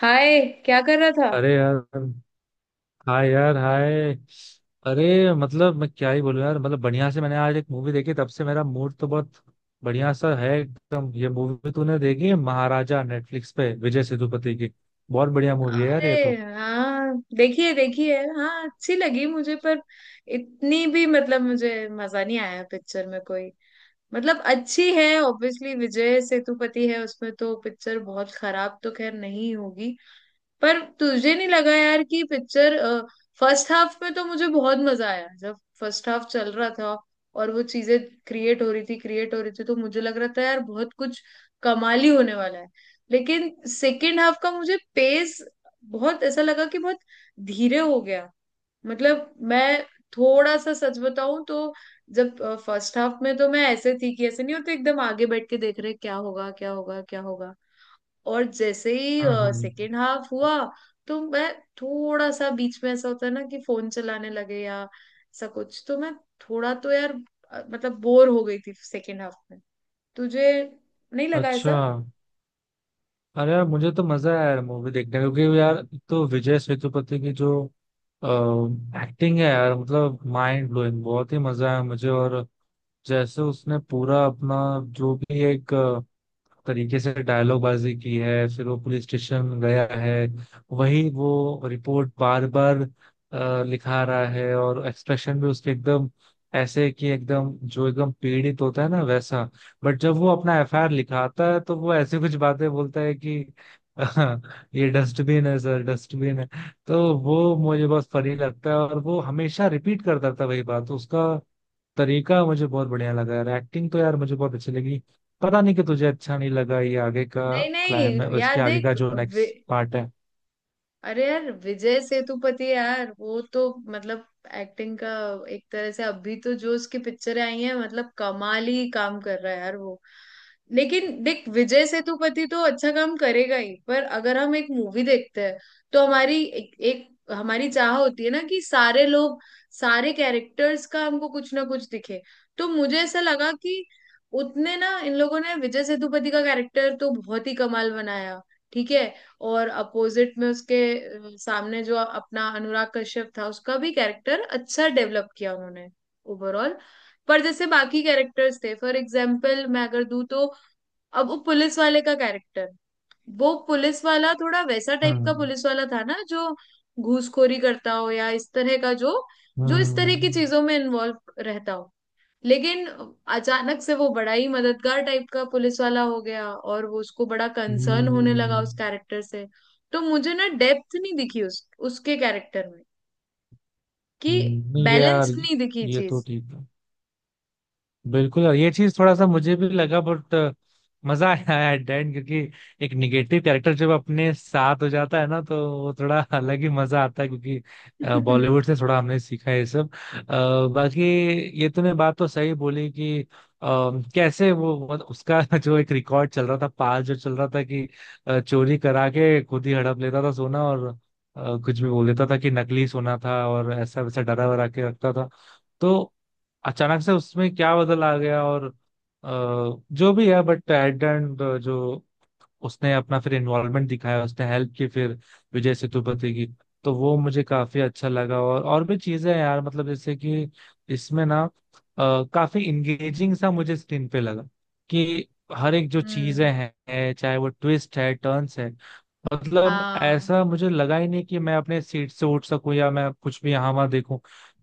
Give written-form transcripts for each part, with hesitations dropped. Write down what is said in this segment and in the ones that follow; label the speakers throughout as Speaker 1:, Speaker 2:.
Speaker 1: हाय। क्या कर रहा था?
Speaker 2: अरे यार, हाय यार, हाय। अरे मतलब मैं क्या ही बोलूं यार, मतलब बढ़िया से मैंने आज एक मूवी देखी, तब से मेरा मूड तो बहुत बढ़िया सा है एकदम। ये मूवी तूने देखी है, महाराजा, नेटफ्लिक्स पे, विजय सेतुपति की? बहुत बढ़िया मूवी है यार ये
Speaker 1: अरे
Speaker 2: तो।
Speaker 1: हाँ, देखिए देखिए। हाँ, अच्छी लगी मुझे, पर इतनी भी मतलब मुझे मजा नहीं आया पिक्चर में कोई। मतलब अच्छी है, ऑब्वियसली, विजय सेतुपति है उसमें तो पिक्चर बहुत खराब तो खैर नहीं होगी। पर तुझे नहीं लगा यार कि पिक्चर। फर्स्ट हाफ में तो मुझे बहुत मजा आया जब फर्स्ट हाफ चल रहा था और वो चीजें क्रिएट हो रही थी तो मुझे लग रहा था यार बहुत कुछ कमाल ही होने वाला है। लेकिन सेकेंड हाफ का मुझे पेस बहुत ऐसा लगा कि बहुत धीरे हो गया। मतलब मैं थोड़ा सा सच बताऊं तो, जब फर्स्ट हाफ में तो मैं ऐसे थी कि ऐसे नहीं होते, एकदम आगे बैठ के देख रहे क्या होगा क्या होगा क्या होगा। और जैसे ही
Speaker 2: हम्म हम्म।
Speaker 1: सेकेंड हाफ हुआ तो मैं थोड़ा सा, बीच में ऐसा होता है ना कि फोन चलाने लगे या ऐसा कुछ, तो मैं थोड़ा तो यार मतलब बोर हो गई थी सेकेंड हाफ में। तुझे नहीं लगा
Speaker 2: अच्छा।
Speaker 1: ऐसा?
Speaker 2: अरे यार, मुझे तो मजा आया यार मूवी देखने का, क्योंकि यार एक तो विजय सेतुपति की जो एक्टिंग है यार, मतलब माइंड ब्लोइंग, बहुत ही मजा आया मुझे। और जैसे उसने पूरा अपना जो भी एक तरीके से डायलॉग बाजी की है, फिर वो पुलिस स्टेशन गया है, वही वो रिपोर्ट बार बार लिखा रहा है, और एक्सप्रेशन भी उसके एकदम ऐसे कि एकदम जो एकदम पीड़ित होता है ना, वैसा। बट जब वो अपना एफआईआर लिखाता है तो वो ऐसे कुछ बातें बोलता है कि ये डस्टबिन है सर, डस्टबिन है। तो वो मुझे बहुत फनी लगता है, और वो हमेशा रिपीट करता था वही बात। उसका तरीका मुझे बहुत बढ़िया लगा यार, एक्टिंग तो यार मुझे बहुत अच्छी लगी। पता नहीं कि तुझे अच्छा नहीं लगा ये आगे का।
Speaker 1: नहीं
Speaker 2: क्लाइम है
Speaker 1: नहीं यार,
Speaker 2: उसके आगे का
Speaker 1: देख।
Speaker 2: जो नेक्स्ट पार्ट है।
Speaker 1: अरे यार विजय सेतुपति, यार वो तो मतलब एक्टिंग का, एक तरह से अभी तो जो उसकी पिक्चरें आई हैं मतलब कमाल ही काम कर रहा है यार वो। लेकिन देख, विजय सेतुपति तो अच्छा काम करेगा ही, पर अगर हम एक मूवी देखते हैं तो हमारी एक हमारी चाह होती है ना कि सारे लोग, सारे कैरेक्टर्स का हमको कुछ ना कुछ दिखे। तो मुझे ऐसा लगा कि उतने ना, इन लोगों ने विजय सेतुपति का कैरेक्टर तो बहुत ही कमाल बनाया, ठीक है, और अपोजिट में उसके सामने जो अपना अनुराग कश्यप था उसका भी कैरेक्टर अच्छा डेवलप किया उन्होंने, ओवरऑल। पर जैसे बाकी कैरेक्टर्स थे, फॉर एग्जाम्पल मैं अगर दूं तो, अब वो पुलिस वाले का कैरेक्टर, वो पुलिस वाला थोड़ा वैसा टाइप का
Speaker 2: हम्म
Speaker 1: पुलिस वाला था ना जो घूसखोरी करता हो या इस तरह का, जो जो इस तरह की
Speaker 2: हम्म,
Speaker 1: चीजों में इन्वॉल्व रहता हो। लेकिन अचानक से वो बड़ा ही मददगार टाइप का पुलिस वाला हो गया और वो उसको बड़ा कंसर्न होने लगा
Speaker 2: हम्म
Speaker 1: उस कैरेक्टर से। तो मुझे ना डेप्थ नहीं दिखी उस उसके कैरेक्टर में, कि
Speaker 2: नहीं यार,
Speaker 1: बैलेंस्ड नहीं दिखी
Speaker 2: ये तो
Speaker 1: चीज।
Speaker 2: ठीक है, बिल्कुल। और ये चीज थोड़ा सा मुझे भी लगा, बट मजा आया एट द एंड, क्योंकि एक निगेटिव कैरेक्टर जब अपने साथ हो जाता है ना, तो वो थोड़ा अलग ही मजा आता है, क्योंकि बॉलीवुड से थोड़ा हमने सीखा है ये सब। बाकी ये तूने बात तो सही बोली कि कैसे वो उसका जो एक रिकॉर्ड चल रहा था, पाल जो चल रहा था कि चोरी करा के खुद ही हड़प लेता था सोना, और कुछ भी बोल देता था कि नकली सोना था, और ऐसा वैसा डरा वरा के रखता था, तो अचानक से उसमें क्या बदल आ गया। और जो भी है, बट एट एंड जो उसने अपना फिर इन्वॉल्वमेंट दिखाया, उसने हेल्प की फिर विजय सेतुपति की, तो वो मुझे काफी अच्छा लगा। और भी चीजें हैं यार, मतलब जैसे कि इसमें ना काफी इंगेजिंग सा मुझे स्क्रीन पे लगा कि हर एक जो
Speaker 1: हम्म।
Speaker 2: चीजें हैं, चाहे वो ट्विस्ट है, टर्न्स है, मतलब
Speaker 1: हाँ
Speaker 2: ऐसा मुझे लगा ही नहीं कि मैं अपने सीट से उठ सकूं या मैं कुछ भी यहाँ वहां देखूं।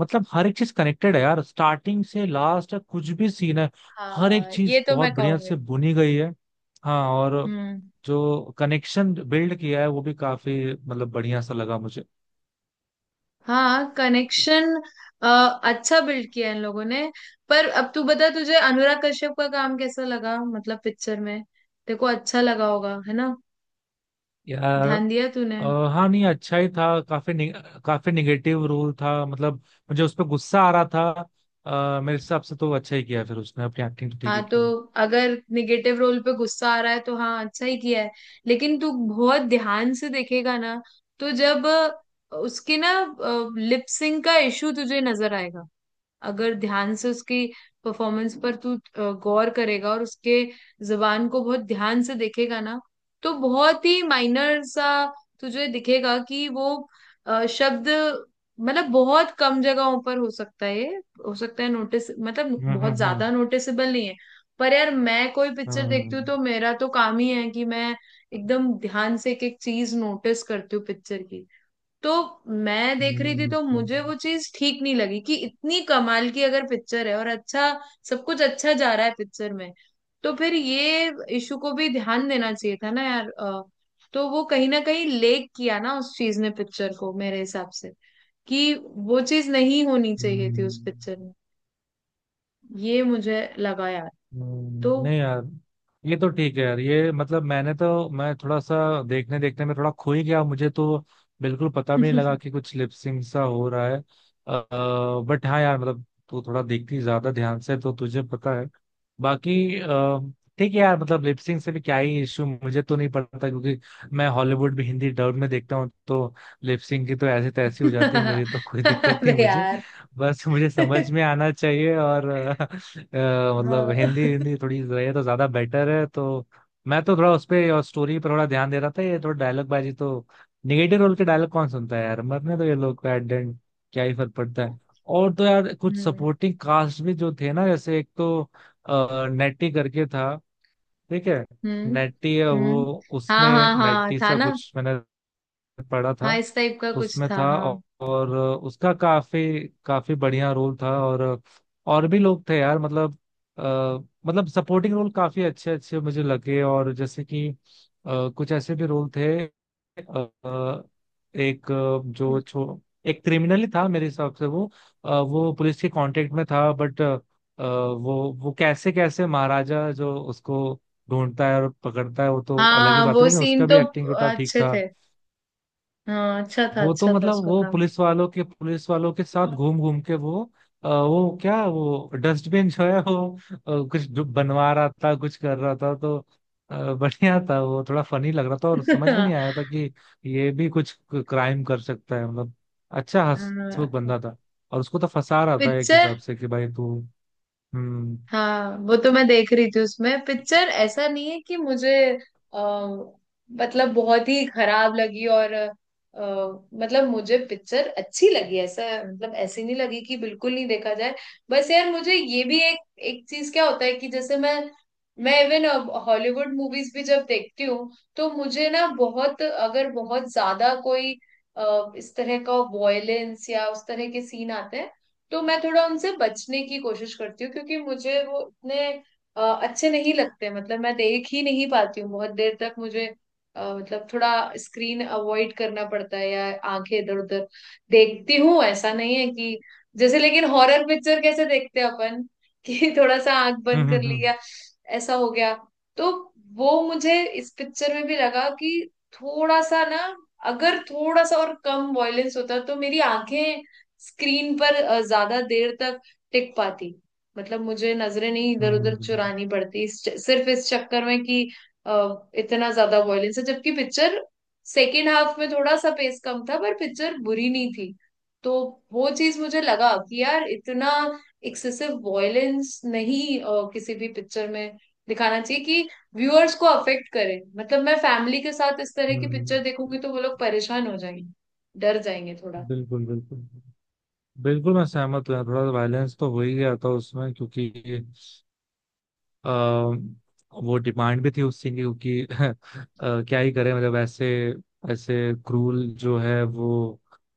Speaker 2: मतलब हर एक चीज कनेक्टेड है यार, स्टार्टिंग से लास्ट तक कुछ भी सीन है, हर एक
Speaker 1: हाँ, ये
Speaker 2: चीज
Speaker 1: तो
Speaker 2: बहुत
Speaker 1: मैं
Speaker 2: बढ़िया
Speaker 1: कहूंगी।
Speaker 2: से बुनी गई है। हाँ, और
Speaker 1: हम्म।
Speaker 2: जो कनेक्शन बिल्ड किया है वो भी काफी मतलब बढ़िया सा लगा मुझे।
Speaker 1: हाँ, कनेक्शन अच्छा बिल्ड किया इन लोगों ने। पर अब तू बता, तुझे अनुराग कश्यप का काम कैसा लगा, मतलब पिक्चर में? देखो, अच्छा लगा होगा, है ना।
Speaker 2: यार,
Speaker 1: ध्यान दिया तूने?
Speaker 2: अ, हाँ, नहीं, अच्छा ही था। काफी काफी निगेटिव रोल था, मतलब मुझे उस पर गुस्सा आ रहा था। मेरे हिसाब से तो वो अच्छा ही किया, फिर उसने अपनी एक्टिंग तो ठीक
Speaker 1: हाँ
Speaker 2: ही
Speaker 1: तो,
Speaker 2: की।
Speaker 1: अगर निगेटिव रोल पे गुस्सा आ रहा है तो हाँ, अच्छा ही किया है। लेकिन तू बहुत ध्यान से देखेगा ना, तो जब उसके ना लिप सिंक का इशू तुझे नजर आएगा। अगर ध्यान से उसकी परफॉर्मेंस पर तू गौर करेगा और उसके जुबान को बहुत ध्यान से देखेगा ना, तो बहुत ही माइनर सा तुझे दिखेगा कि वो शब्द, मतलब बहुत कम जगहों पर हो सकता है ये। हो सकता है नोटिस, मतलब
Speaker 2: हम्म
Speaker 1: बहुत
Speaker 2: हम्म हम्म
Speaker 1: ज्यादा नोटिसेबल नहीं है। पर यार, मैं कोई पिक्चर देखती हूँ
Speaker 2: हम्म,
Speaker 1: तो मेरा तो काम ही है कि मैं एकदम ध्यान से एक एक चीज नोटिस करती हूँ पिक्चर की। तो मैं देख रही थी
Speaker 2: हम्म,
Speaker 1: तो मुझे वो चीज ठीक नहीं लगी कि इतनी कमाल की अगर पिक्चर है और अच्छा, सब कुछ अच्छा जा रहा है पिक्चर में, तो फिर ये इशू को भी ध्यान देना चाहिए था ना यार। तो वो कहीं ना कहीं लेक किया ना उस चीज ने पिक्चर को, मेरे हिसाब से, कि वो चीज नहीं होनी चाहिए थी उस पिक्चर
Speaker 2: हम्म,
Speaker 1: में। ये मुझे लगा यार। तो।
Speaker 2: नहीं यार, ये तो ठीक है यार। ये मतलब मैंने तो मैं थोड़ा सा देखने देखने में थोड़ा खो ही गया मुझे, तो बिल्कुल पता भी नहीं लगा कि कुछ लिपसिंग सा हो रहा है। बट हाँ यार, मतलब तू थोड़ा देखती ज्यादा ध्यान से तो तुझे पता है। बाकी ठीक है यार, मतलब लिपसिंग से भी क्या ही इशू, मुझे तो नहीं पड़ता क्योंकि मैं हॉलीवुड भी हिंदी डब में देखता हूँ, तो लिपसिंग की तो ऐसे तैसी हो जाती है मेरी, तो कोई दिक्कत नहीं
Speaker 1: अरे
Speaker 2: मुझे।
Speaker 1: यार।
Speaker 2: बस मुझे समझ में आना चाहिए, और अ, मतलब हिंदी
Speaker 1: हाँ।
Speaker 2: हिंदी थोड़ी रहे तो ज्यादा बेटर है, तो मैं तो थोड़ा उस पे और स्टोरी पर थोड़ा ध्यान दे रहा था। ये थोड़ा डायलॉग बाजी, तो निगेटिव रोल के डायलॉग कौन सुनता है यार, मरने तो ये लोग का एडेंट, क्या ही फर्क पड़ता है। और तो यार कुछ
Speaker 1: हम्म
Speaker 2: सपोर्टिंग कास्ट भी जो थे ना, जैसे एक तो नेटी करके था, ठीक है,
Speaker 1: हम्म
Speaker 2: नेटी है
Speaker 1: हम्म।
Speaker 2: वो,
Speaker 1: हाँ
Speaker 2: उसमें
Speaker 1: हाँ हाँ,
Speaker 2: नेटी
Speaker 1: था
Speaker 2: सा
Speaker 1: ना।
Speaker 2: कुछ मैंने पढ़ा
Speaker 1: हाँ,
Speaker 2: था।
Speaker 1: इस टाइप का कुछ
Speaker 2: उसमें
Speaker 1: था,
Speaker 2: था,
Speaker 1: हाँ।
Speaker 2: और उसका काफी काफी बढ़िया रोल था। और भी लोग थे यार, मतलब अ, मतलब सपोर्टिंग रोल काफी अच्छे अच्छे मुझे लगे। और जैसे कि कुछ ऐसे भी रोल थे, एक जो छो एक क्रिमिनल ही था मेरे हिसाब से। वो वो पुलिस के कांटेक्ट में था, बट वो कैसे कैसे महाराजा जो उसको ढूंढता है और पकड़ता है वो तो अलग ही
Speaker 1: हाँ,
Speaker 2: बात है,
Speaker 1: वो
Speaker 2: लेकिन
Speaker 1: सीन
Speaker 2: उसका भी
Speaker 1: तो
Speaker 2: एक्टिंग जो था ठीक
Speaker 1: अच्छे
Speaker 2: था।
Speaker 1: थे। हाँ,
Speaker 2: वो तो
Speaker 1: अच्छा था
Speaker 2: मतलब
Speaker 1: उसका
Speaker 2: वो
Speaker 1: काम।
Speaker 2: पुलिस वालों के साथ घूम घूम के वो वो क्या, वो डस्टबिन जो है वो कुछ जो बनवा रहा था, कुछ कर रहा था, तो बढ़िया था, वो थोड़ा फनी लग रहा था। और समझ में नहीं आया था कि ये भी कुछ क्राइम कर सकता है, मतलब अच्छा हंसमुख
Speaker 1: हाँ।
Speaker 2: बंदा था। और उसको तो फंसा रहा था एक
Speaker 1: पिक्चर।
Speaker 2: हिसाब से कि भाई तू। हम्म
Speaker 1: हाँ, वो तो मैं देख रही थी उसमें। पिक्चर ऐसा नहीं है कि मुझे आ, मतलब बहुत ही खराब लगी, और मतलब मुझे पिक्चर अच्छी लगी ऐसा, मतलब ऐसी नहीं लगी कि बिल्कुल नहीं देखा जाए। बस यार, मुझे ये भी एक एक चीज क्या होता है कि जैसे मैं इवन हॉलीवुड मूवीज भी जब देखती हूँ तो मुझे ना बहुत, अगर बहुत ज्यादा कोई इस तरह का वॉयलेंस या उस तरह के सीन आते हैं, तो मैं थोड़ा उनसे बचने की कोशिश करती हूँ क्योंकि मुझे वो इतने अच्छे नहीं लगते, मतलब मैं देख ही नहीं पाती हूँ बहुत देर तक, मुझे मतलब थोड़ा स्क्रीन अवॉइड करना पड़ता है या आंखें इधर उधर देखती हूँ, ऐसा नहीं है कि जैसे लेकिन हॉरर पिक्चर कैसे देखते हैं अपन, कि थोड़ा सा आंख बंद कर
Speaker 2: हम्म,
Speaker 1: लिया, ऐसा हो गया। तो वो मुझे इस पिक्चर में भी लगा कि थोड़ा सा ना, अगर थोड़ा सा और कम वॉयलेंस होता तो मेरी आंखें स्क्रीन पर ज्यादा देर तक टिक पाती, मतलब मुझे नजरें नहीं इधर उधर
Speaker 2: हम्म
Speaker 1: चुरानी पड़ती सिर्फ इस चक्कर में कि इतना ज्यादा वॉयलेंस है, जबकि पिक्चर सेकेंड हाफ में थोड़ा सा पेस कम था पर पिक्चर बुरी नहीं थी। तो वो चीज मुझे लगा कि यार, इतना एक्सेसिव वॉयलेंस नहीं किसी भी पिक्चर में दिखाना चाहिए कि व्यूअर्स को अफेक्ट करे, मतलब मैं फैमिली के साथ इस तरह की
Speaker 2: हम्म,
Speaker 1: पिक्चर देखूंगी तो वो लोग परेशान हो जाएंगे, डर जाएंगे।
Speaker 2: बिल्कुल, बिल्कुल, बिल्कुल मैं सहमत हूँ यार। थोड़ा वायलेंस तो हो ही गया था उसमें, क्योंकि अ, वो डिमांड भी थी उस सीन की, क्योंकि क्या ही करें मतलब। ऐसे ऐसे क्रूल जो है वो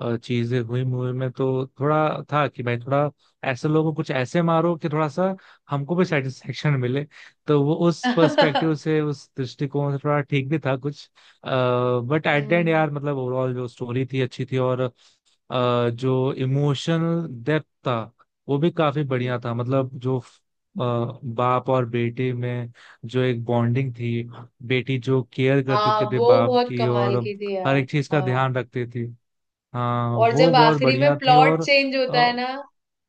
Speaker 2: चीजें हुई मूवी में, तो थोड़ा था कि भाई थोड़ा ऐसे लोगों को कुछ ऐसे मारो कि थोड़ा सा हमको भी सेटिस्फेक्शन मिले, तो वो उस
Speaker 1: थोड़ा।
Speaker 2: पर्सपेक्टिव से, उस दृष्टिकोण से थोड़ा ठीक भी था कुछ। बट एट द एंड
Speaker 1: हम्म।
Speaker 2: यार, मतलब ओवरऑल जो स्टोरी थी अच्छी थी, और जो इमोशनल डेप्थ था, वो भी काफी
Speaker 1: हम्म।
Speaker 2: बढ़िया था। मतलब जो अ, बाप और बेटे में जो एक बॉन्डिंग थी, बेटी जो केयर करती
Speaker 1: हाँ,
Speaker 2: थी अपने
Speaker 1: वो
Speaker 2: बाप
Speaker 1: बहुत
Speaker 2: की
Speaker 1: कमाल
Speaker 2: और
Speaker 1: की थी
Speaker 2: हर
Speaker 1: यार।
Speaker 2: एक चीज का
Speaker 1: हाँ,
Speaker 2: ध्यान रखती थी, हाँ
Speaker 1: और
Speaker 2: वो
Speaker 1: जब
Speaker 2: बहुत
Speaker 1: आखिरी में
Speaker 2: बढ़िया थी।
Speaker 1: प्लॉट
Speaker 2: और
Speaker 1: चेंज होता है
Speaker 2: अ,
Speaker 1: ना,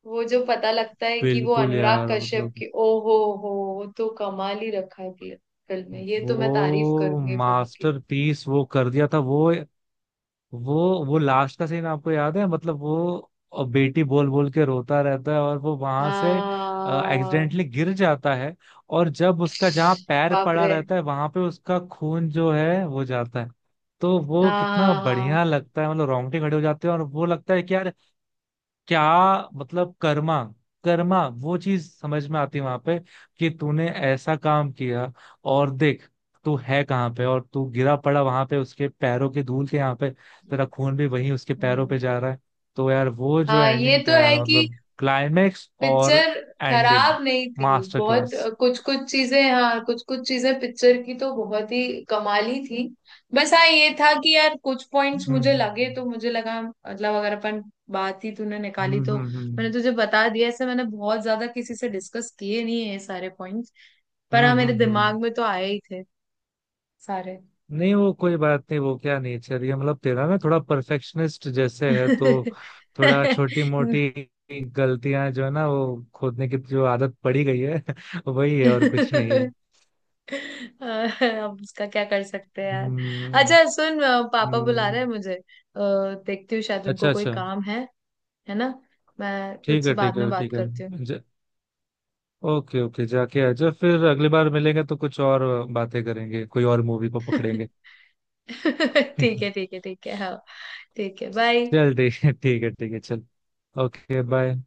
Speaker 1: वो जो पता लगता है कि वो
Speaker 2: बिल्कुल
Speaker 1: अनुराग
Speaker 2: यार,
Speaker 1: कश्यप
Speaker 2: मतलब
Speaker 1: की, ओ हो, वो तो कमाल ही रखा है फिल्म फिल्म में, ये तो मैं तारीफ
Speaker 2: वो
Speaker 1: करूंगी फिल्म की।
Speaker 2: मास्टरपीस वो कर दिया था। वो लास्ट का सीन आपको याद है, मतलब वो बेटी बोल बोल के रोता रहता है, और वो वहां से
Speaker 1: हाँ।
Speaker 2: एक्सीडेंटली गिर जाता है, और जब उसका जहाँ पैर
Speaker 1: बाप
Speaker 2: पड़ा
Speaker 1: रे।
Speaker 2: रहता है वहां पे उसका खून जो है वो जाता है। तो वो
Speaker 1: हाँ
Speaker 2: कितना
Speaker 1: हाँ हाँ।
Speaker 2: बढ़िया लगता है, मतलब रोंगटे खड़े हो जाते हैं, और वो लगता है कि यार क्या, मतलब कर्मा, कर्मा वो चीज समझ में आती है वहां पे, कि तूने ऐसा काम किया, और देख तू है कहाँ पे, और तू गिरा पड़ा वहां पे उसके पैरों की धूल के, यहाँ पे तेरा खून भी वहीं उसके पैरों
Speaker 1: हम्म।
Speaker 2: पे जा रहा है। तो यार वो जो
Speaker 1: हाँ, ये
Speaker 2: एंडिंग
Speaker 1: तो
Speaker 2: था
Speaker 1: है
Speaker 2: यार,
Speaker 1: कि
Speaker 2: मतलब क्लाइमेक्स और
Speaker 1: पिक्चर
Speaker 2: एंडिंग
Speaker 1: खराब नहीं थी
Speaker 2: मास्टर
Speaker 1: बहुत।
Speaker 2: क्लास।
Speaker 1: कुछ कुछ चीजें, हाँ, कुछ कुछ चीजें पिक्चर की तो बहुत ही कमाली थी। बस हाँ, ये था कि यार कुछ पॉइंट्स मुझे लगे तो
Speaker 2: हम्म
Speaker 1: मुझे लगा, मतलब अगर अपन, बात ही तूने निकाली तो मैंने
Speaker 2: हम्म,
Speaker 1: तुझे बता दिया। ऐसे मैंने बहुत ज्यादा किसी से डिस्कस किए नहीं है ये सारे पॉइंट्स, पर
Speaker 2: हम्म
Speaker 1: हाँ,
Speaker 2: हम्म
Speaker 1: मेरे
Speaker 2: हम्म हम्म, हम्म,
Speaker 1: दिमाग में तो आए ही थे सारे।
Speaker 2: नहीं, वो कोई बात नहीं, वो क्या नेचर, ये मतलब तेरा ना थोड़ा परफेक्शनिस्ट जैसे है, तो थोड़ा छोटी मोटी गलतियां जो है ना, वो खोदने की जो आदत पड़ी गई है वही है, और कुछ नहीं है।
Speaker 1: अब उसका क्या कर सकते हैं यार।
Speaker 2: हम्म
Speaker 1: अच्छा सुन, पापा बुला
Speaker 2: हम्म,
Speaker 1: रहे हैं मुझे, देखती हूँ, शायद
Speaker 2: अच्छा
Speaker 1: उनको कोई
Speaker 2: अच्छा,
Speaker 1: काम है ना। मैं
Speaker 2: ठीक
Speaker 1: तुझसे
Speaker 2: है,
Speaker 1: बाद
Speaker 2: ठीक
Speaker 1: में
Speaker 2: है,
Speaker 1: बात
Speaker 2: ठीक है।
Speaker 1: करती हूँ।
Speaker 2: ज, ओके ओके, जाके आ जाओ। फिर अगली बार मिलेंगे तो कुछ और बातें करेंगे, कोई और मूवी को पकड़ेंगे।
Speaker 1: ठीक है ठीक है ठीक है, हाँ। ठीक है,
Speaker 2: चल,
Speaker 1: बाय।
Speaker 2: ठीक है, ठीक है, ठीक है, चल, ओके, बाय।